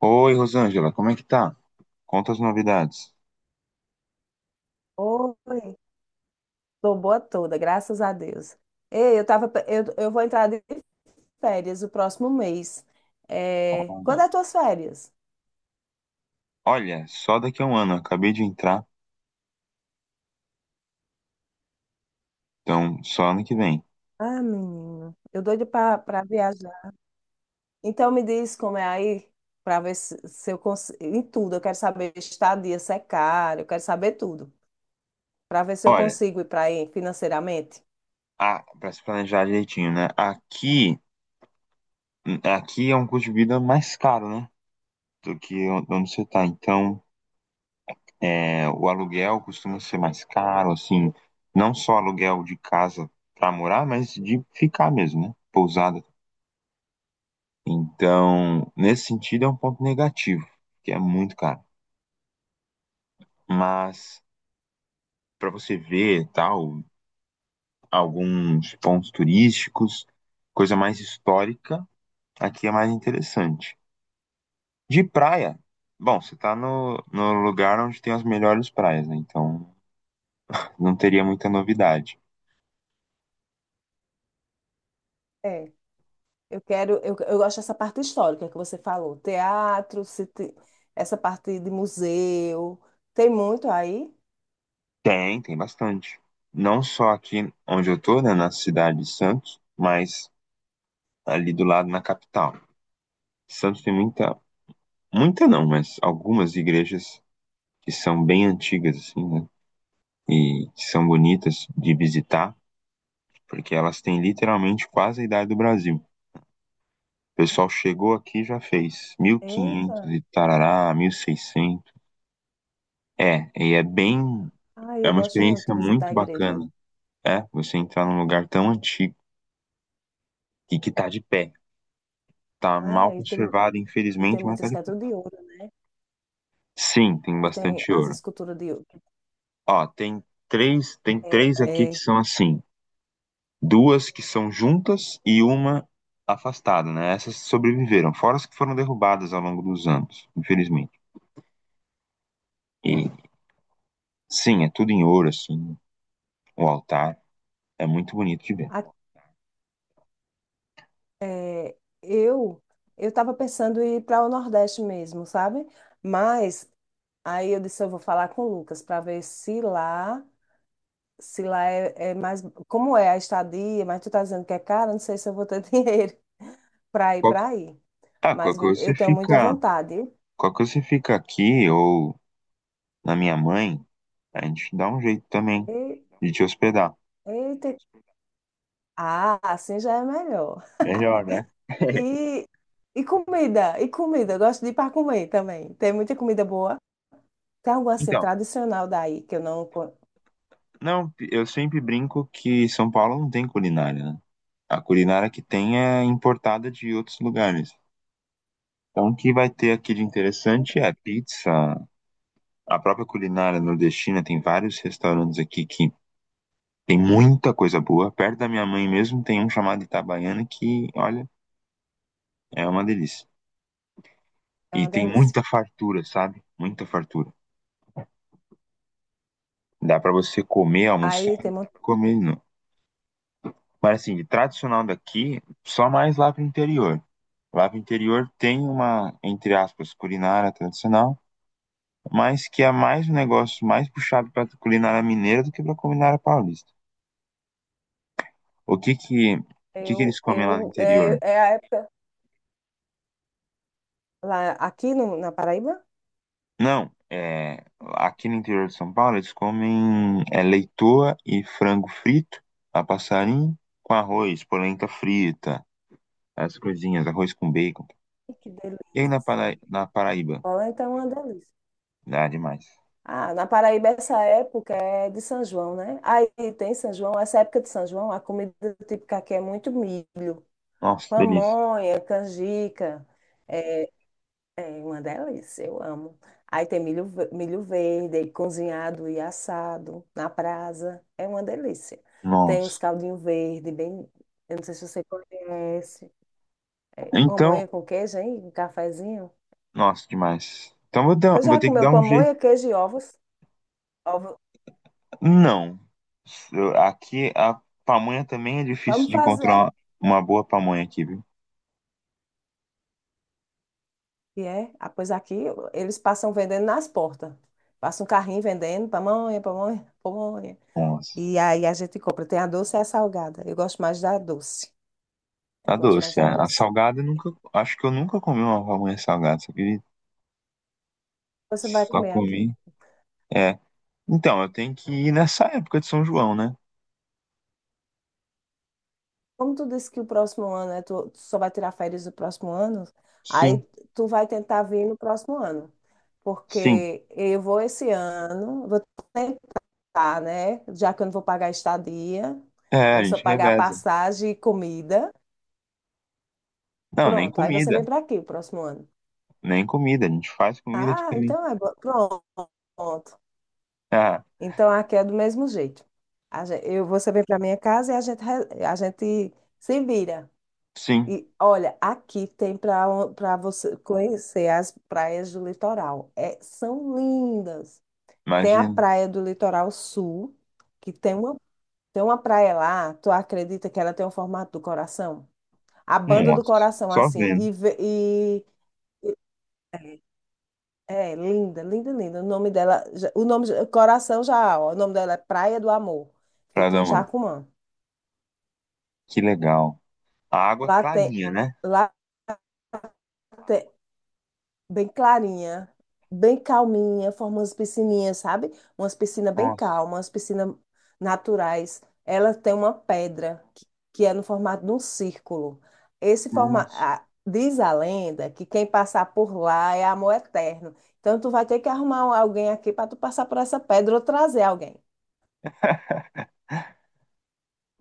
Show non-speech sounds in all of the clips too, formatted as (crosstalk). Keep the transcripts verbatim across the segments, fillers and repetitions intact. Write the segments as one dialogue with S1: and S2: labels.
S1: Oi, Rosângela, como é que tá? Conta as novidades.
S2: Oi, tô boa toda, graças a Deus. Ei, eu tava, pe- eu, eu vou entrar de férias o próximo mês. É, quando
S1: Olha,
S2: é tuas férias?
S1: olha, só daqui a um ano, acabei de entrar, então só ano que vem.
S2: Ah, menino, eu doido pra, pra viajar. Então me diz como é aí, pra ver se, se eu consigo, em tudo, eu quero saber estadia, se é caro, eu quero saber tudo, pra ver se eu
S1: Olha,
S2: consigo ir pra aí financeiramente.
S1: a, pra se planejar direitinho, né? Aqui, aqui é um custo de vida mais caro, né? Do que on- onde você tá. Então, é, o aluguel costuma ser mais caro, assim, não só aluguel de casa pra morar, mas de ficar mesmo, né? Pousada. Então, nesse sentido, é um ponto negativo, que é muito caro. Mas. Para você ver tal, alguns pontos turísticos, coisa mais histórica, aqui é mais interessante. De praia, bom, você tá no, no lugar onde tem as melhores praias, né? Então não teria muita novidade.
S2: É, eu quero, eu, eu gosto dessa parte histórica que você falou, teatro, se te- essa parte de museu, tem muito aí?
S1: Tem, tem bastante. Não só aqui onde eu tô, né, na cidade de Santos, mas ali do lado na capital. Santos tem muita, muita não, mas algumas igrejas que são bem antigas, assim, né? E que são bonitas de visitar. Porque elas têm literalmente quase a idade do Brasil. O pessoal chegou aqui e já fez mil e quinhentos e
S2: Eita,
S1: quinhentos e tarará, mil e seiscentos. É, e é bem,
S2: ah,
S1: é
S2: eu
S1: uma
S2: gosto muito de
S1: experiência
S2: visitar
S1: muito
S2: a igreja.
S1: bacana, é, você entrar num lugar tão antigo e que tá de pé. Tá
S2: Não
S1: mal
S2: é, e tem,
S1: conservado,
S2: e tem
S1: infelizmente, mas tá
S2: muitas
S1: de
S2: que é de
S1: pé.
S2: ouro, né?
S1: Sim, tem
S2: Que tem
S1: bastante
S2: as
S1: ouro.
S2: esculturas de ouro.
S1: Ó, tem três, tem
S2: É,
S1: três aqui que
S2: é,
S1: são assim, duas que são juntas e uma afastada, né? Essas sobreviveram, fora as que foram derrubadas ao longo dos anos, infelizmente. E Sim, é tudo em ouro, assim, o altar. É muito bonito de ver.
S2: a- é, eu eu estava pensando em ir para o Nordeste mesmo, sabe? Mas aí eu disse, eu vou falar com o Lucas para ver se lá se lá é, é mais. Como é a estadia, mas tu tá dizendo que é caro, não sei se eu vou ter (laughs) dinheiro para ir
S1: Qual-
S2: para aí.
S1: Ah, qualquer
S2: Mas
S1: coisa você
S2: eu tenho muita
S1: fica,
S2: vontade.
S1: qualquer coisa você fica aqui ou na minha mãe, a gente dá um jeito também
S2: E,
S1: de te hospedar.
S2: eita. Ah, assim já é melhor.
S1: Melhor, né?
S2: E, e comida, e comida. Eu gosto de ir para comer também. Tem muita comida boa. Tem algo assim
S1: Então,
S2: tradicional daí que eu não. con-
S1: não, eu sempre brinco que São Paulo não tem culinária, né? A culinária que tem é importada de outros lugares. Então, o que vai ter aqui de interessante é pizza, a própria culinária nordestina. Tem vários restaurantes aqui que Tem muita coisa boa. Perto da minha mãe mesmo tem um chamado Itabaiana que, olha, é uma delícia.
S2: é
S1: E
S2: uma
S1: tem
S2: delícia.
S1: muita fartura, sabe? Muita fartura. Dá pra você comer, almoçar,
S2: Aí
S1: e
S2: tem
S1: comer de novo. Mas assim, de tradicional daqui, só mais lá pro interior. Lá pro interior tem uma, entre aspas, culinária tradicional, mas que é mais um negócio mais puxado pra culinária mineira do que pra culinária paulista. O que que, o que que eles
S2: Eu,
S1: comem lá no
S2: eu,
S1: interior?
S2: é, é a época lá aqui no, na Paraíba?
S1: Não, é, aqui no interior de São Paulo eles comem é, leitoa e frango frito a passarinho com arroz, polenta frita, as coisinhas, arroz com bacon.
S2: Que
S1: E aí na,
S2: delícia.
S1: Para- na Paraíba?
S2: Polenta é uma delícia.
S1: Ah, demais.
S2: Ah, na Paraíba essa época é de São João, né? Aí tem São João, essa época de São João, a comida típica aqui é muito milho,
S1: Nossa, delícia.
S2: pamonha, canjica, é, é uma delícia, eu amo. Aí tem milho, ve- milho verde, aí cozinhado e assado na brasa. É uma delícia. Tem os
S1: Nossa.
S2: caldinhos verde, bem. Eu não sei se você conhece. É,
S1: Então,
S2: pamonha com queijo, hein? Um cafezinho.
S1: nossa, demais. Então vou dar-
S2: Você
S1: vou
S2: já
S1: ter que
S2: comeu
S1: dar um jeito.
S2: pamonha, queijo e ovos? Ovo.
S1: Não. Eu- Aqui a pamonha também é difícil
S2: Vamos
S1: de
S2: fazer.
S1: encontrar uma boa pamonha aqui, viu?
S2: E é, ah, pois aqui eles passam vendendo nas portas. Passa um carrinho vendendo pamonha, pamonha, pamonha.
S1: Nossa.
S2: E aí a gente compra. Tem a doce e a salgada. Eu gosto mais da doce. Eu
S1: A
S2: gosto mais
S1: doce,
S2: da
S1: a, a
S2: doce.
S1: salgada eu nunca, acho que eu nunca comi uma pamonha salgada, só que
S2: Você vai
S1: só
S2: comer aqui.
S1: comi. É. Então, eu tenho que ir nessa época de São João, né?
S2: Como tu disse que o próximo ano, né, tu tu só vai tirar férias no próximo ano, aí
S1: Sim,
S2: tu vai tentar vir no próximo ano.
S1: sim.
S2: Porque eu vou esse ano, vou tentar, né? Já que eu não vou pagar estadia,
S1: É, a
S2: vou só
S1: gente
S2: pagar
S1: reveza.
S2: passagem e comida.
S1: Não, nem
S2: Pronto, aí você
S1: comida,
S2: vem para aqui o próximo ano.
S1: nem comida, a gente faz comida aqui
S2: Ah,
S1: também.
S2: então é bom. Pronto.
S1: Ah,
S2: Então aqui é do mesmo jeito. A gen- eu, você vem para minha casa e a gente, re- a gente se vira.
S1: sim,
S2: E olha, aqui tem para para você conhecer as praias do litoral. É, são lindas. Tem a
S1: imagino.
S2: praia do Litoral Sul, que tem uma, tem uma praia lá, tu acredita que ela tem o formato do coração? A banda do
S1: Nossa,
S2: coração,
S1: só
S2: assim.
S1: vendo,
S2: E, ve- e e- é linda, linda, linda. O nome dela, já- o nome, já- coração já, ó, O nome dela é Praia do Amor.
S1: pra
S2: Fica
S1: dar
S2: em
S1: mano.
S2: Jacumã.
S1: Que legal. A água
S2: Lá tem,
S1: clarinha, né?
S2: lá Bem clarinha, bem calminha, forma umas piscininhas, sabe? Umas piscinas bem
S1: Nossa,
S2: calmas, umas piscinas naturais. Ela tem uma pedra que, que é no formato de um círculo. Esse formato,
S1: nossa,
S2: diz a lenda que quem passar por lá é amor eterno. Então tu vai ter que arrumar um, alguém aqui para tu passar por essa pedra ou trazer alguém.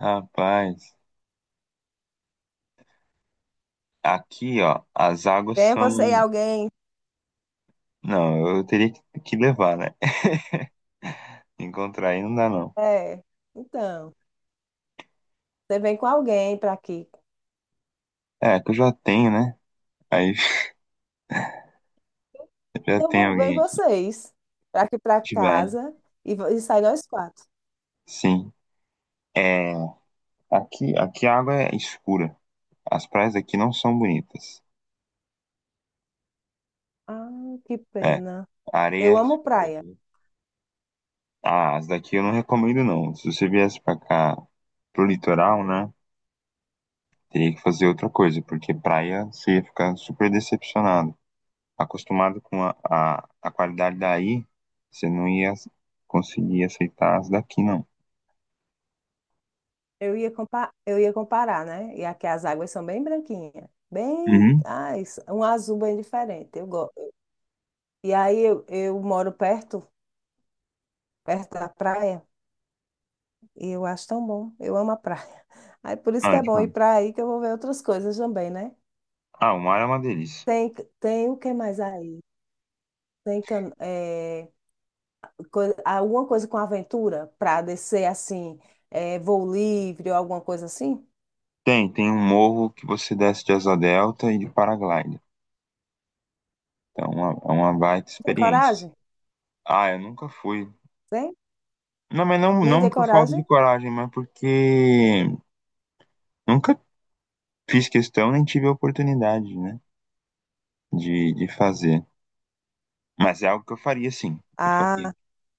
S1: rapaz. Aqui, ó, as águas
S2: Tem
S1: são.
S2: você e alguém?
S1: Não, eu teria que que levar, né? Encontrar aí não dá, não.
S2: É. Então, você vem com alguém para aqui.
S1: É, que eu já tenho, né? Aí (laughs) já
S2: Então
S1: tem
S2: vou- vem
S1: alguém aqui.
S2: vocês para aqui para
S1: A gente vai.
S2: casa e, vo- e sai nós quatro.
S1: Sim. É, aqui, aqui a água é escura. As praias aqui não são bonitas.
S2: Ah, que
S1: É,
S2: pena.
S1: a areia
S2: Eu
S1: é
S2: amo praia.
S1: escura. Ah, as daqui eu não recomendo, não. Se você viesse pra cá, pro litoral, né? Teria que fazer outra coisa, porque praia você ia ficar super decepcionado. Acostumado com a, a, a qualidade daí, você não ia conseguir aceitar as daqui, não.
S2: Eu ia compa- eu ia comparar, né? E aqui as águas são bem branquinhas. Bem,
S1: Uhum.
S2: ah, isso- um azul bem diferente. Eu gosto. E aí eu, eu moro perto, perto da praia, e eu acho tão bom. Eu amo a praia. (laughs) Aí por isso
S1: Ah,
S2: que
S1: é
S2: é bom ir
S1: demais.
S2: para aí que eu vou ver outras coisas também, né?
S1: Ah, o mar é uma delícia.
S2: Tem, tem o que mais aí? Tem can- é, coi- alguma coisa com aventura para descer assim, é, voo livre ou alguma coisa assim?
S1: Tem, tem um morro que você desce de asa delta e de paraglider. Então, é uma, é uma baita
S2: Tem
S1: experiência.
S2: coragem?
S1: Ah, eu nunca fui.
S2: Tem?
S1: Não, mas não,
S2: Nem
S1: não
S2: ter
S1: por falta de
S2: coragem?
S1: coragem, mas porque nunca fiz questão nem tive a oportunidade, né, de, de fazer. Mas é algo que eu faria, sim. Eu faria.
S2: Ah,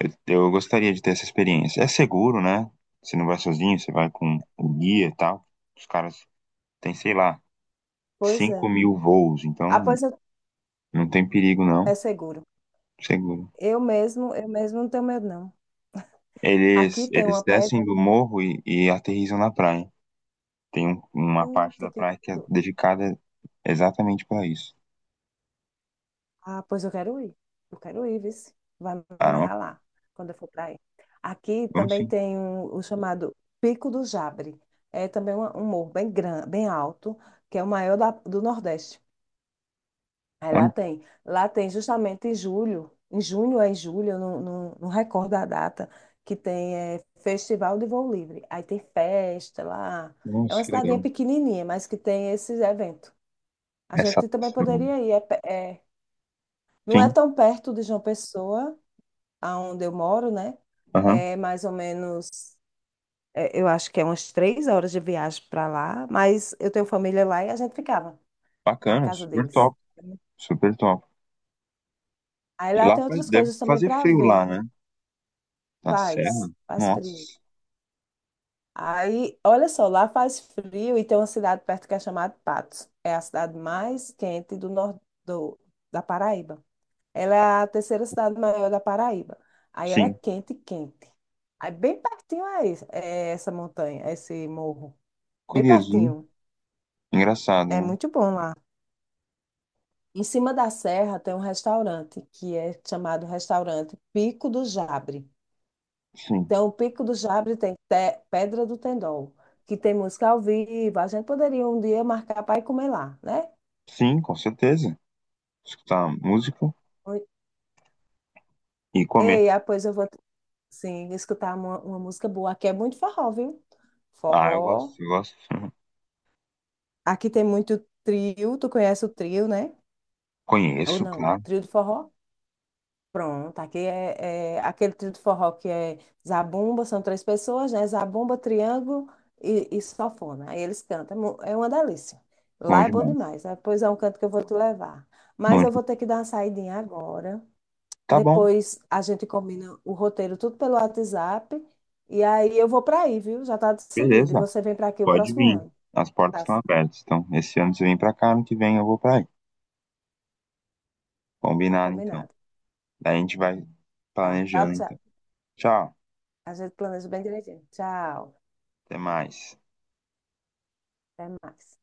S1: Eu, eu gostaria de ter essa experiência. É seguro, né? Você não vai sozinho, você vai com o guia e tal. Os caras têm, sei lá,
S2: pois é.
S1: cinco mil voos,
S2: Ah,
S1: então
S2: pois eu-
S1: não tem perigo, não.
S2: é seguro.
S1: Seguro.
S2: Eu mesmo, eu mesmo não tenho medo, não.
S1: Eles,
S2: Aqui tem
S1: eles
S2: uma
S1: descem
S2: pedra.
S1: do morro e, e aterrissam na praia. Tem um- uma parte
S2: Eita,
S1: da
S2: que...
S1: praia que é
S2: co-
S1: dedicada exatamente para isso.
S2: Ah, pois eu quero ir. Eu quero ir, vice. Vai me
S1: Ah,
S2: levar lá, quando eu for para aí. Aqui
S1: vamos
S2: também
S1: sim.
S2: tem um- o chamado Pico do Jabre. É também uma- um morro bem grande, bem alto, que é o maior da- do Nordeste. Aí lá
S1: Olha,
S2: tem. Lá tem justamente em julho, em junho ou em julho, eu não, não, não recordo a data, que tem é, Festival de Voo Livre. Aí tem festa lá. É
S1: nossa,
S2: uma
S1: que
S2: cidadinha
S1: legal.
S2: pequenininha, mas que tem esse evento. A
S1: Essa.
S2: gente também poderia ir. É, pe- é- não é
S1: Sim,
S2: tão perto de João Pessoa, aonde eu moro, né?
S1: aham.
S2: É mais ou menos, é, eu acho que é umas três horas de viagem para lá, mas eu tenho família lá e a gente ficava na
S1: Bacana,
S2: casa
S1: super
S2: deles.
S1: top, super top.
S2: Aí
S1: E
S2: lá
S1: lá
S2: tem
S1: faz-
S2: outras
S1: deve
S2: coisas também
S1: fazer
S2: para
S1: frio
S2: ver.
S1: lá, né? Na serra?
S2: Faz, faz frio.
S1: Nossa,
S2: Aí, olha só, lá faz frio e tem uma cidade perto que é chamada Patos. É a cidade mais quente do nor- do- da Paraíba. Ela é a terceira cidade maior da Paraíba. Aí ela é
S1: sim.
S2: quente, quente. Aí bem pertinho é, isso- é essa montanha, esse morro. Bem
S1: Curioso, né?
S2: pertinho.
S1: Engraçado,
S2: É
S1: né?
S2: muito bom lá. Em cima da serra tem um restaurante que é chamado Restaurante Pico do Jabre.
S1: Sim,
S2: Então, o Pico do Jabre tem Te- Pedra do Tendol, que tem música ao vivo. A gente poderia um dia marcar para ir comer lá, né?
S1: sim, com certeza. Escutar música
S2: Oi.
S1: e comer.
S2: Ei, ah, pois eu vou, sim, escutar uma, uma música boa. Aqui é muito forró, viu?
S1: Ah, eu
S2: Forró.
S1: gosto, eu gosto. (laughs)
S2: Aqui tem muito trio. Tu conhece o trio, né? Ou
S1: Conheço,
S2: não?
S1: claro.
S2: Trio de forró? Pronto, aqui é, é aquele trio de forró que é zabumba, são três pessoas, né? Zabumba, triângulo e, e sanfona. Aí eles cantam, é mu- é uma delícia.
S1: Bom
S2: Lá é bom
S1: demais.
S2: demais, né? Pois é um canto que eu vou te levar. Mas
S1: Bom
S2: eu vou ter que dar uma saidinha agora.
S1: Tá bom,
S2: Depois a gente combina o roteiro tudo pelo WhatsApp. E aí eu vou para aí, viu? Já está decidido. E
S1: beleza.
S2: você vem para aqui o
S1: Pode
S2: próximo
S1: vir.
S2: ano.
S1: As portas
S2: Tá,
S1: estão abertas. Então, esse ano você vem pra cá, ano que vem eu vou pra aí.
S2: tá
S1: Combinado, então.
S2: combinado.
S1: Daí a gente vai
S2: Tá, tchau,
S1: planejando,
S2: tchau.
S1: então. Tchau,
S2: A gente planeja bem direitinho. Tchau.
S1: até mais.
S2: Até mais.